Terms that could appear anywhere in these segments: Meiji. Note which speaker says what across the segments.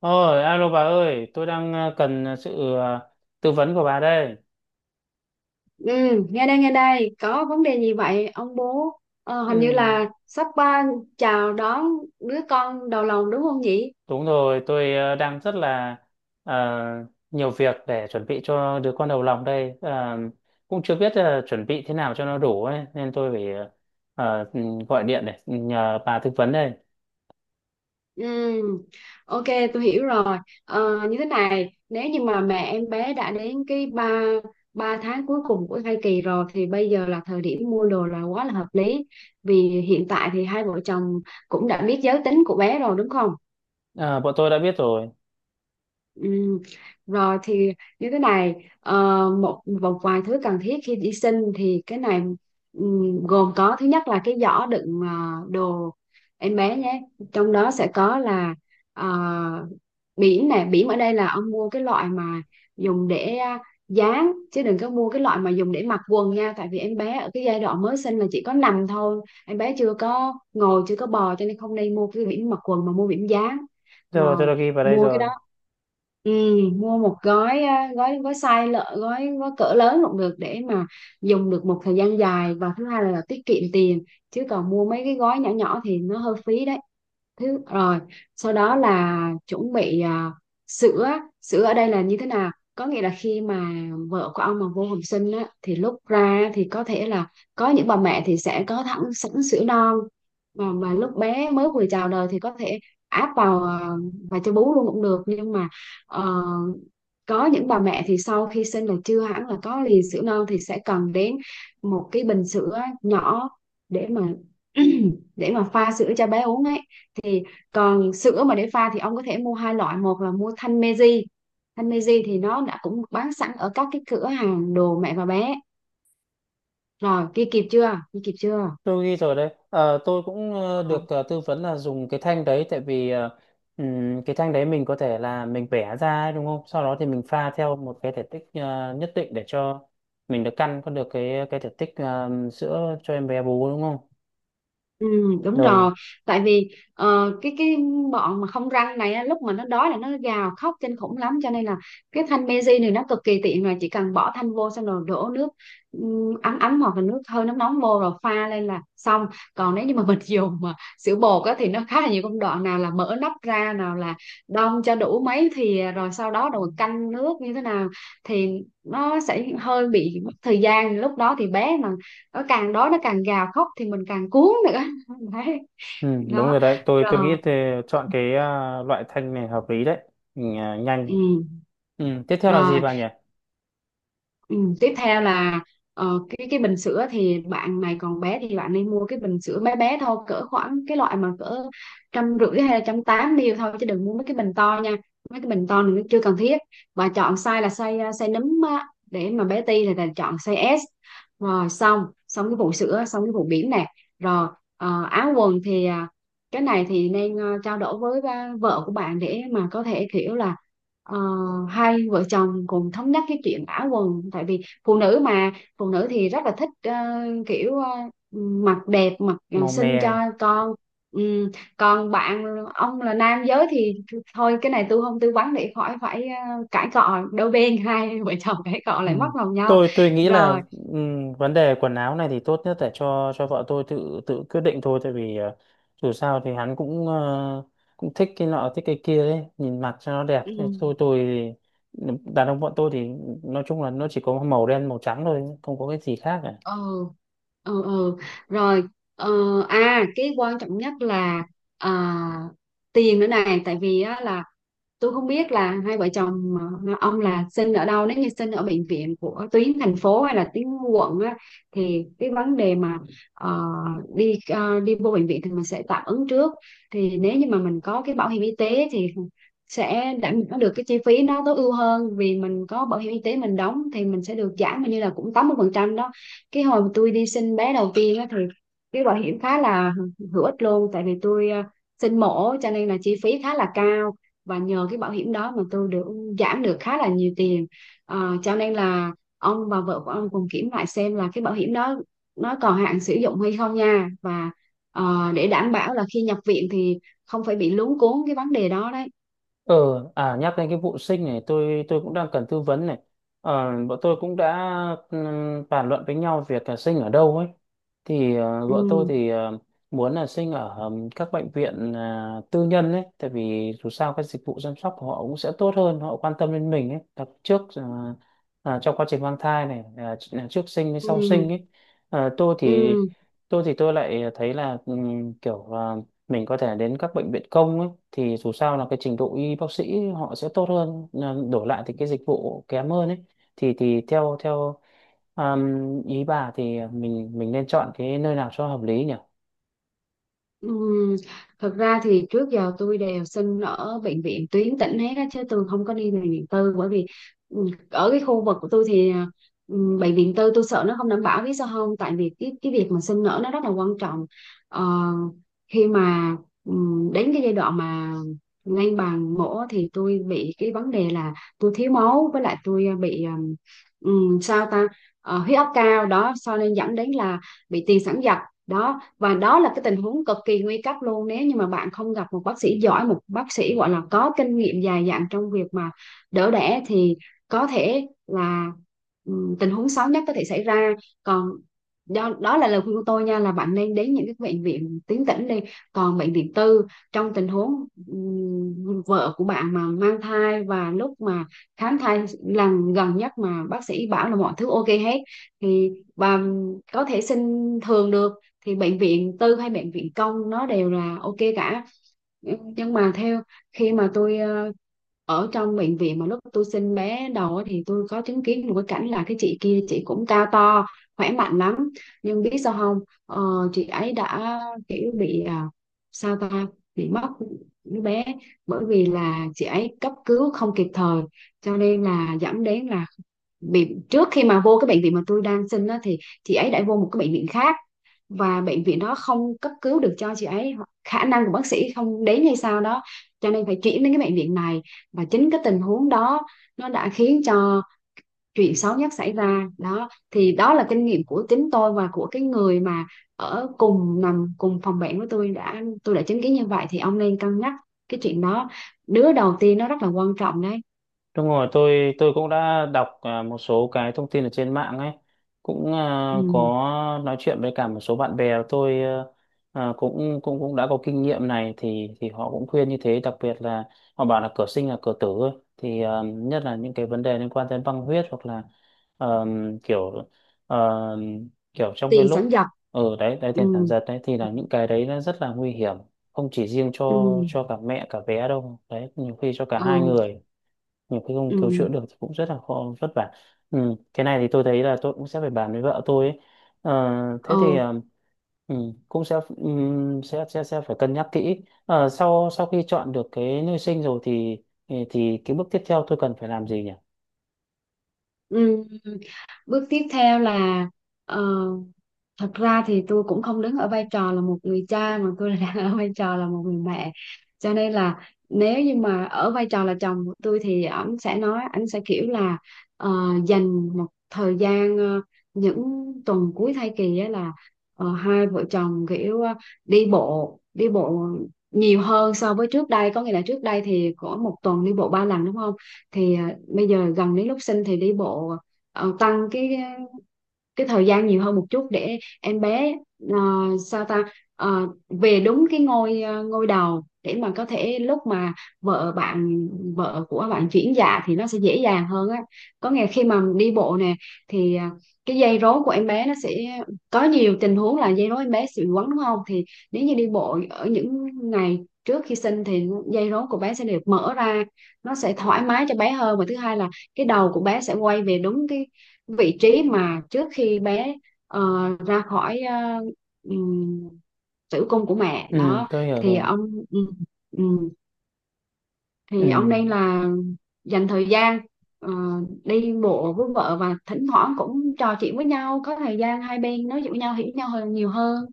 Speaker 1: Ôi, alo bà ơi, tôi đang cần sự tư vấn của bà đây.
Speaker 2: Ừ, nghe đây nghe đây, có vấn đề gì vậy ông bố? Hình như
Speaker 1: Ừ,
Speaker 2: là sắp ba chào đón đứa con đầu lòng đúng không nhỉ?
Speaker 1: đúng rồi, tôi đang rất là ờ, nhiều việc để chuẩn bị cho đứa con đầu lòng đây. Ờ, Cũng chưa biết chuẩn bị thế nào cho nó đủ ấy, nên tôi phải ờ, ừ, gọi điện để nhờ bà tư vấn đây.
Speaker 2: Ừ, ok, tôi hiểu rồi. Như thế này, nếu như mà mẹ em bé đã đến cái ba ba tháng cuối cùng của thai kỳ rồi thì bây giờ là thời điểm mua đồ là quá là hợp lý, vì hiện tại thì hai vợ chồng cũng đã biết giới tính của bé rồi đúng không?
Speaker 1: Ờ, bọn tôi đã biết rồi.
Speaker 2: Ừ. Rồi thì như thế này, một một vài thứ cần thiết khi đi sinh thì cái này gồm có: thứ nhất là cái giỏ đựng đồ em bé nhé. Trong đó sẽ có là ờ, bỉm nè, bỉm ở đây là ông mua cái loại mà dùng để dán, chứ đừng có mua cái loại mà dùng để mặc quần nha, tại vì em bé ở cái giai đoạn mới sinh là chỉ có nằm thôi, em bé chưa có ngồi chưa có bò, cho nên không nên mua cái bỉm mặc quần mà mua bỉm dán.
Speaker 1: Rồi, tôi
Speaker 2: Rồi
Speaker 1: đã ghi vào đây
Speaker 2: mua cái.
Speaker 1: rồi.
Speaker 2: Ừ, mua một gói, gói size lợ, gói gói cỡ lớn cũng được, để mà dùng được một thời gian dài, và thứ hai là tiết kiệm tiền, chứ còn mua mấy cái gói nhỏ nhỏ thì nó hơi phí đấy. Thứ rồi, sau đó là chuẩn bị sữa. Sữa ở đây là như thế nào, có nghĩa là khi mà vợ của ông mà vô học sinh á, thì lúc ra thì có thể là có những bà mẹ thì sẽ có thẳng sẵn sữa non, mà lúc bé mới vừa chào đời thì có thể áp vào và cho bú luôn cũng được. Nhưng mà ờ, có những bà mẹ thì sau khi sinh là chưa hẳn là có liền sữa non, thì sẽ cần đến một cái bình sữa nhỏ để mà để mà pha sữa cho bé uống ấy. Thì còn sữa mà để pha thì ông có thể mua hai loại: một là mua thanh Meiji. Thanh Meiji thì nó đã cũng bán sẵn ở các cái cửa hàng đồ mẹ và bé rồi. Kia kịp chưa?
Speaker 1: Tôi ghi rồi đấy. Ờ, tôi cũng được tư vấn là dùng cái thanh đấy tại vì cái thanh đấy mình có thể là mình vẽ ra ấy, đúng không? Sau đó thì mình pha theo một cái thể tích nhất định để cho mình được căn có được cái thể tích sữa cho em bé bú, đúng không?
Speaker 2: Ừ, đúng rồi,
Speaker 1: Rồi.
Speaker 2: tại vì cái bọn mà không răng này á, lúc mà nó đói là nó gào khóc kinh khủng lắm, cho nên là cái thanh Meiji này nó cực kỳ tiện, là chỉ cần bỏ thanh vô xong rồi đổ nước ấm ấm hoặc là nước hơi nóng nóng vô rồi pha lên là xong. Còn nếu như mà mình dùng mà sữa bột á, thì nó khá là nhiều công đoạn: nào là mở nắp ra, nào là đong cho đủ mấy thì, rồi sau đó rồi canh nước như thế nào, thì nó sẽ hơi bị mất thời gian, lúc đó thì bé mà nó càng đói, nó càng gào khóc thì mình càng cuốn nữa đấy.
Speaker 1: Ừ, đúng
Speaker 2: Đó.
Speaker 1: rồi đấy. Tôi
Speaker 2: Rồi.
Speaker 1: nghĩ thì chọn cái loại thanh này hợp lý đấy. Mình, nhanh.
Speaker 2: Ừ.
Speaker 1: Ừ, tiếp theo là gì
Speaker 2: Rồi.
Speaker 1: bà nhỉ?
Speaker 2: Ừ, tiếp theo là cái bình sữa thì bạn này còn bé thì bạn nên mua cái bình sữa bé bé thôi, cỡ khoảng cái loại mà cỡ 150 hay là 180 ml thôi, chứ đừng mua mấy cái bình to nha, mấy cái bình to này nó chưa cần thiết. Và chọn size là size nấm á, để mà bé ti thì là chọn size S. Rồi, xong xong cái vụ sữa, xong cái vụ bỉm nè. Rồi. Áo quần thì cái này thì nên trao đổi với vợ của bạn để mà có thể kiểu là, Ờ, hai vợ chồng cùng thống nhất cái chuyện ả quần, tại vì phụ nữ mà, phụ nữ thì rất là thích kiểu mặc đẹp, mặc
Speaker 1: Màu mè.
Speaker 2: xinh cho con. Ừm, Còn bạn, ông là nam giới thì thôi, cái này tôi không tư vấn để khỏi phải cãi cọ đôi bên, hai vợ chồng cãi cọ
Speaker 1: Ừ.
Speaker 2: lại mất lòng nhau.
Speaker 1: Tôi nghĩ là
Speaker 2: Rồi.
Speaker 1: vấn đề quần áo này thì tốt nhất là cho vợ tôi tự tự quyết định thôi, tại vì dù sao thì hắn cũng cũng thích cái nọ thích cái kia đấy, nhìn mặt cho nó đẹp. Thế
Speaker 2: ừm,
Speaker 1: tôi, đàn ông bọn tôi thì nói chung là nó chỉ có màu đen màu trắng thôi, không có cái gì khác.
Speaker 2: ừ, ừ, ừ. Rồi. ờ, À, cái quan trọng nhất là à, tiền nữa này, tại vì á, là tôi không biết là hai vợ chồng, ông là sinh ở đâu. Nếu như sinh ở bệnh viện của tuyến thành phố hay là tuyến quận á, thì cái vấn đề mà ờ, đi vô bệnh viện thì mình sẽ tạm ứng trước. Thì nếu như mà mình có cái bảo hiểm y tế thì sẽ đảm bảo được cái chi phí nó tối ưu hơn, vì mình có bảo hiểm y tế mình đóng thì mình sẽ được giảm hình như là cũng 80% đó. Cái hồi mà tôi đi sinh bé đầu tiên á, thì cái bảo hiểm khá là hữu ích luôn, tại vì tôi sinh mổ cho nên là chi phí khá là cao, và nhờ cái bảo hiểm đó mà tôi được giảm được khá là nhiều tiền. Cho nên là ông và vợ của ông cùng kiểm lại xem là cái bảo hiểm đó nó còn hạn sử dụng hay không nha, và để đảm bảo là khi nhập viện thì không phải bị luống cuống cái vấn đề đó đấy.
Speaker 1: Ờ, à, nhắc đến cái vụ sinh này, tôi cũng đang cần tư vấn này. Ờ, bọn tôi cũng đã bàn luận với nhau việc là sinh ở đâu ấy. Thì
Speaker 2: Ừ,
Speaker 1: vợ tôi thì muốn là sinh ở các bệnh viện tư nhân ấy, tại vì dù sao cái dịch vụ chăm sóc của họ cũng sẽ tốt hơn, họ quan tâm đến mình ấy, đặc trước trong quá trình mang thai này, à, trước sinh với sau
Speaker 2: ừ,
Speaker 1: sinh ấy. Ờ, tôi
Speaker 2: ừ.
Speaker 1: thì tôi lại thấy là kiểu mình có thể đến các bệnh viện công ấy, thì dù sao là cái trình độ y bác sĩ họ sẽ tốt hơn, à, đổi lại thì cái dịch vụ kém hơn ấy, thì theo theo um, ý bà thì mình nên chọn cái nơi nào cho hợp lý nhỉ?
Speaker 2: Ừm, Thật ra thì trước giờ tôi đều xin ở bệnh viện tuyến tỉnh hết á, chứ tôi không có đi bệnh viện tư, bởi vì ở cái khu vực của tôi thì bệnh viện tư tôi sợ nó không đảm bảo, biết sao không, tại vì cái việc mà sinh nở nó rất là quan trọng. Ờ, Khi mà đến cái giai đoạn mà ngay bằng mổ thì tôi bị cái vấn đề là tôi thiếu máu, với lại tôi bị sao ta, huyết áp cao đó, cho nên dẫn đến là bị tiền sản giật đó. Và đó là cái tình huống cực kỳ nguy cấp luôn, nếu như mà bạn không gặp một bác sĩ giỏi, một bác sĩ gọi là có kinh nghiệm dài dặn trong việc mà đỡ đẻ, thì có thể là tình huống xấu nhất có thể xảy ra. Còn, do đó là lời khuyên của tôi nha, là bạn nên đến những cái bệnh viện tuyến tỉnh đi. Còn bệnh viện tư, trong tình huống vợ của bạn mà mang thai và lúc mà khám thai lần gần nhất mà bác sĩ bảo là mọi thứ ok hết, thì bà có thể xin thường được, thì bệnh viện tư hay bệnh viện công nó đều là ok cả. Ừ, nhưng mà theo, khi mà tôi ở trong bệnh viện mà lúc tôi sinh bé đầu á, thì tôi có chứng kiến một cái cảnh là: cái chị kia, chị cũng cao to khỏe mạnh lắm, nhưng biết sao không, ờ, chị ấy đã kiểu bị sao ta, bị mất đứa bé, bởi vì là chị ấy cấp cứu không kịp thời, cho nên là dẫn đến là bị, trước khi mà vô cái bệnh viện mà tôi đang sinh á, thì chị ấy đã vô một cái bệnh viện khác, và bệnh viện đó không cấp cứu được cho chị ấy, khả năng của bác sĩ không đến hay sao đó, cho nên phải chuyển đến cái bệnh viện này, và chính cái tình huống đó nó đã khiến cho chuyện xấu nhất xảy ra đó. Thì đó là kinh nghiệm của chính tôi và của cái người mà ở cùng nằm cùng phòng bệnh với tôi, tôi đã chứng kiến như vậy, thì ông nên cân nhắc cái chuyện đó. Đứa đầu tiên nó rất là quan trọng đấy.
Speaker 1: Đúng rồi, tôi cũng đã đọc một số cái thông tin ở trên mạng ấy, cũng có
Speaker 2: Ừ.
Speaker 1: nói chuyện với cả một số bạn bè tôi cũng cũng cũng đã có kinh nghiệm này, thì họ cũng khuyên như thế, đặc biệt là họ bảo là cửa sinh là cửa tử ấy. Thì nhất là những cái vấn đề liên quan đến băng huyết hoặc là ờ, kiểu ờ, kiểu trong cái
Speaker 2: Tiền sản
Speaker 1: lúc
Speaker 2: giật.
Speaker 1: ở đấy đấy,
Speaker 2: Ừ.
Speaker 1: tiền sản giật đấy, thì
Speaker 2: Ừ.
Speaker 1: là những cái đấy nó rất là nguy hiểm, không chỉ riêng
Speaker 2: Ừ,
Speaker 1: cho cả mẹ cả bé đâu, đấy nhiều khi cho cả hai
Speaker 2: ừ,
Speaker 1: người, nhiều khi không
Speaker 2: ừ,
Speaker 1: cứu chữa được thì cũng rất là khó vất vả. Ừ, cái này thì tôi thấy là tôi cũng sẽ phải bàn với vợ tôi ấy. Ờ, thế thì
Speaker 2: ừ,
Speaker 1: ừ, cũng sẽ, sẽ phải cân nhắc kỹ. Ờ, sau sau khi chọn được cái nơi sinh rồi thì thì cái bước tiếp theo tôi cần phải làm gì nhỉ?
Speaker 2: ừ. Bước tiếp theo là, ờ, thật ra thì tôi cũng không đứng ở vai trò là một người cha mà tôi là đang ở vai trò là một người mẹ, cho nên là nếu như mà ở vai trò là chồng của tôi thì ảnh sẽ nói, ảnh sẽ kiểu là ờ, dành một thời gian, những tuần cuối thai kỳ á, là hai vợ chồng kiểu đi bộ nhiều hơn so với trước đây, có nghĩa là trước đây thì có một tuần đi bộ 3 lần đúng không, thì bây giờ gần đến lúc sinh thì đi bộ, tăng cái thời gian nhiều hơn một chút, để em bé ờ, sao ta, về đúng cái ngôi đầu, để mà có thể lúc mà vợ bạn vợ của bạn chuyển dạ thì nó sẽ dễ dàng hơn á. Có ngày khi mà đi bộ nè, thì cái dây rốn của em bé nó sẽ, có nhiều tình huống là dây rốn em bé sẽ bị quấn đúng không, thì nếu như đi bộ ở những ngày trước khi sinh thì dây rốn của bé sẽ được mở ra, nó sẽ thoải mái cho bé hơn. Và thứ hai là cái đầu của bé sẽ quay về đúng cái vị trí mà trước khi bé ờ, ra khỏi ừm, tử cung của mẹ
Speaker 1: Ừ,
Speaker 2: đó.
Speaker 1: tôi hiểu
Speaker 2: thì
Speaker 1: rồi.
Speaker 2: ông ừm, ừm,
Speaker 1: Ừ.
Speaker 2: thì ông nên là dành thời gian ờ, đi bộ với vợ, và thỉnh thoảng cũng trò chuyện với nhau, có thời gian hai bên nói chuyện với nhau hiểu nhau hơn, nhiều hơn.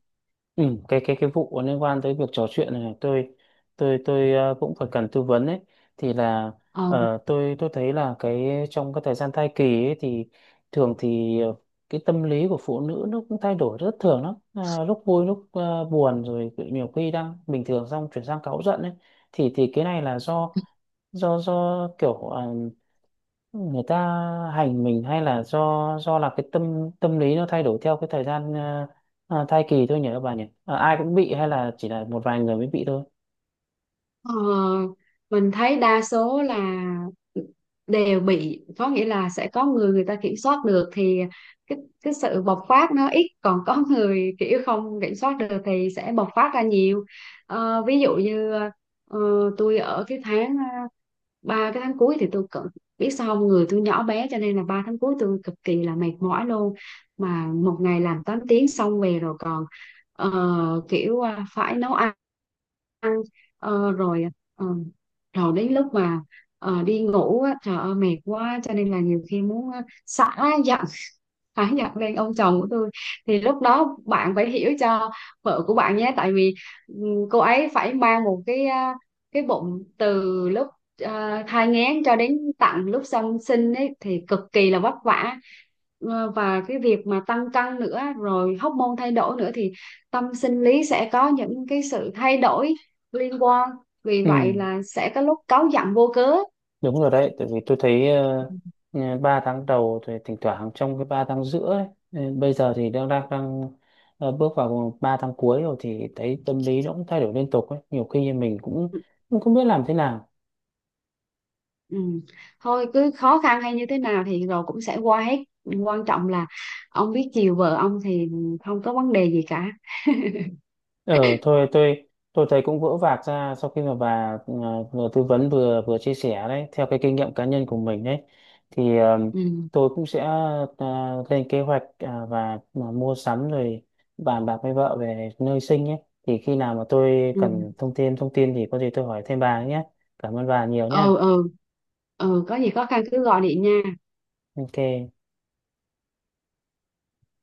Speaker 1: Ừ, cái vụ liên quan tới việc trò chuyện này, tôi cũng phải cần tư vấn ấy, thì là
Speaker 2: Ờ.
Speaker 1: tôi thấy là cái trong cái thời gian thai kỳ ấy thì thường thì cái tâm lý của phụ nữ nó cũng thay đổi rất thường lắm, à, lúc vui lúc buồn, rồi nhiều khi đang bình thường xong chuyển sang cáu giận ấy, thì cái này là do do kiểu người ta hành mình, hay là do do là cái tâm tâm lý nó thay đổi theo cái thời gian thai kỳ thôi nhỉ các bà nhỉ? Ờ, ai cũng bị hay là chỉ là một vài người mới bị thôi?
Speaker 2: Ờ, mình thấy đa số là đều bị, có nghĩa là sẽ có người người ta kiểm soát được thì cái cái sự bộc phát nó ít, còn có người kiểu không kiểm soát được thì sẽ bộc phát ra nhiều. Ví dụ như ờ, tôi ở cái tháng, ba cái tháng cuối thì tôi cận, biết sao không, người tôi nhỏ bé cho nên là ba tháng cuối tôi cực kỳ là mệt mỏi luôn, mà một ngày làm 8 tiếng, xong về rồi còn kiểu phải nấu ăn. Ờ, Rồi ờ, rồi đến lúc mà đi ngủ á, trời ơi mệt quá, cho nên là nhiều khi muốn xả khá nhận lên ông chồng của tôi. Thì lúc đó bạn phải hiểu cho vợ của bạn nhé, tại vì ừ, cô ấy phải mang một cái, cái bụng từ lúc thai nghén cho đến tận lúc song sinh ấy thì cực kỳ là vất vả. Và cái việc mà tăng cân nữa, rồi hóc môn thay đổi nữa, thì tâm sinh lý sẽ có những cái sự thay đổi liên quan, vì
Speaker 1: Ừ,
Speaker 2: vậy là sẽ có lúc cáu giận vô cớ.
Speaker 1: đúng rồi đấy, tại vì tôi thấy 3 tháng đầu thì thỉnh thoảng, trong cái 3 tháng giữa ấy, bây giờ thì đang đang, đang ờ, bước vào 3 tháng cuối rồi, thì thấy tâm lý nó cũng thay đổi liên tục ấy. Nhiều khi mình cũng cũng không biết làm thế nào.
Speaker 2: Ừ. Thôi, cứ khó khăn hay như thế nào thì rồi cũng sẽ qua hết, quan trọng là ông biết chiều vợ ông thì không có vấn đề gì cả.
Speaker 1: Ờ, thôi tôi thấy cũng vỡ vạc ra sau khi mà bà vừa tư vấn vừa vừa chia sẻ đấy theo cái kinh nghiệm cá nhân của mình đấy, thì
Speaker 2: Ừ,
Speaker 1: tôi cũng sẽ lên kế hoạch và mua sắm, rồi bàn bạc với vợ về nơi sinh nhé. Thì khi nào mà tôi
Speaker 2: ừ,
Speaker 1: cần thông tin thì có gì tôi hỏi thêm bà nhé. Cảm ơn bà nhiều nhé.
Speaker 2: ừ. Ừ, ừ, có gì khó khăn cứ gọi điện nha.
Speaker 1: Ok.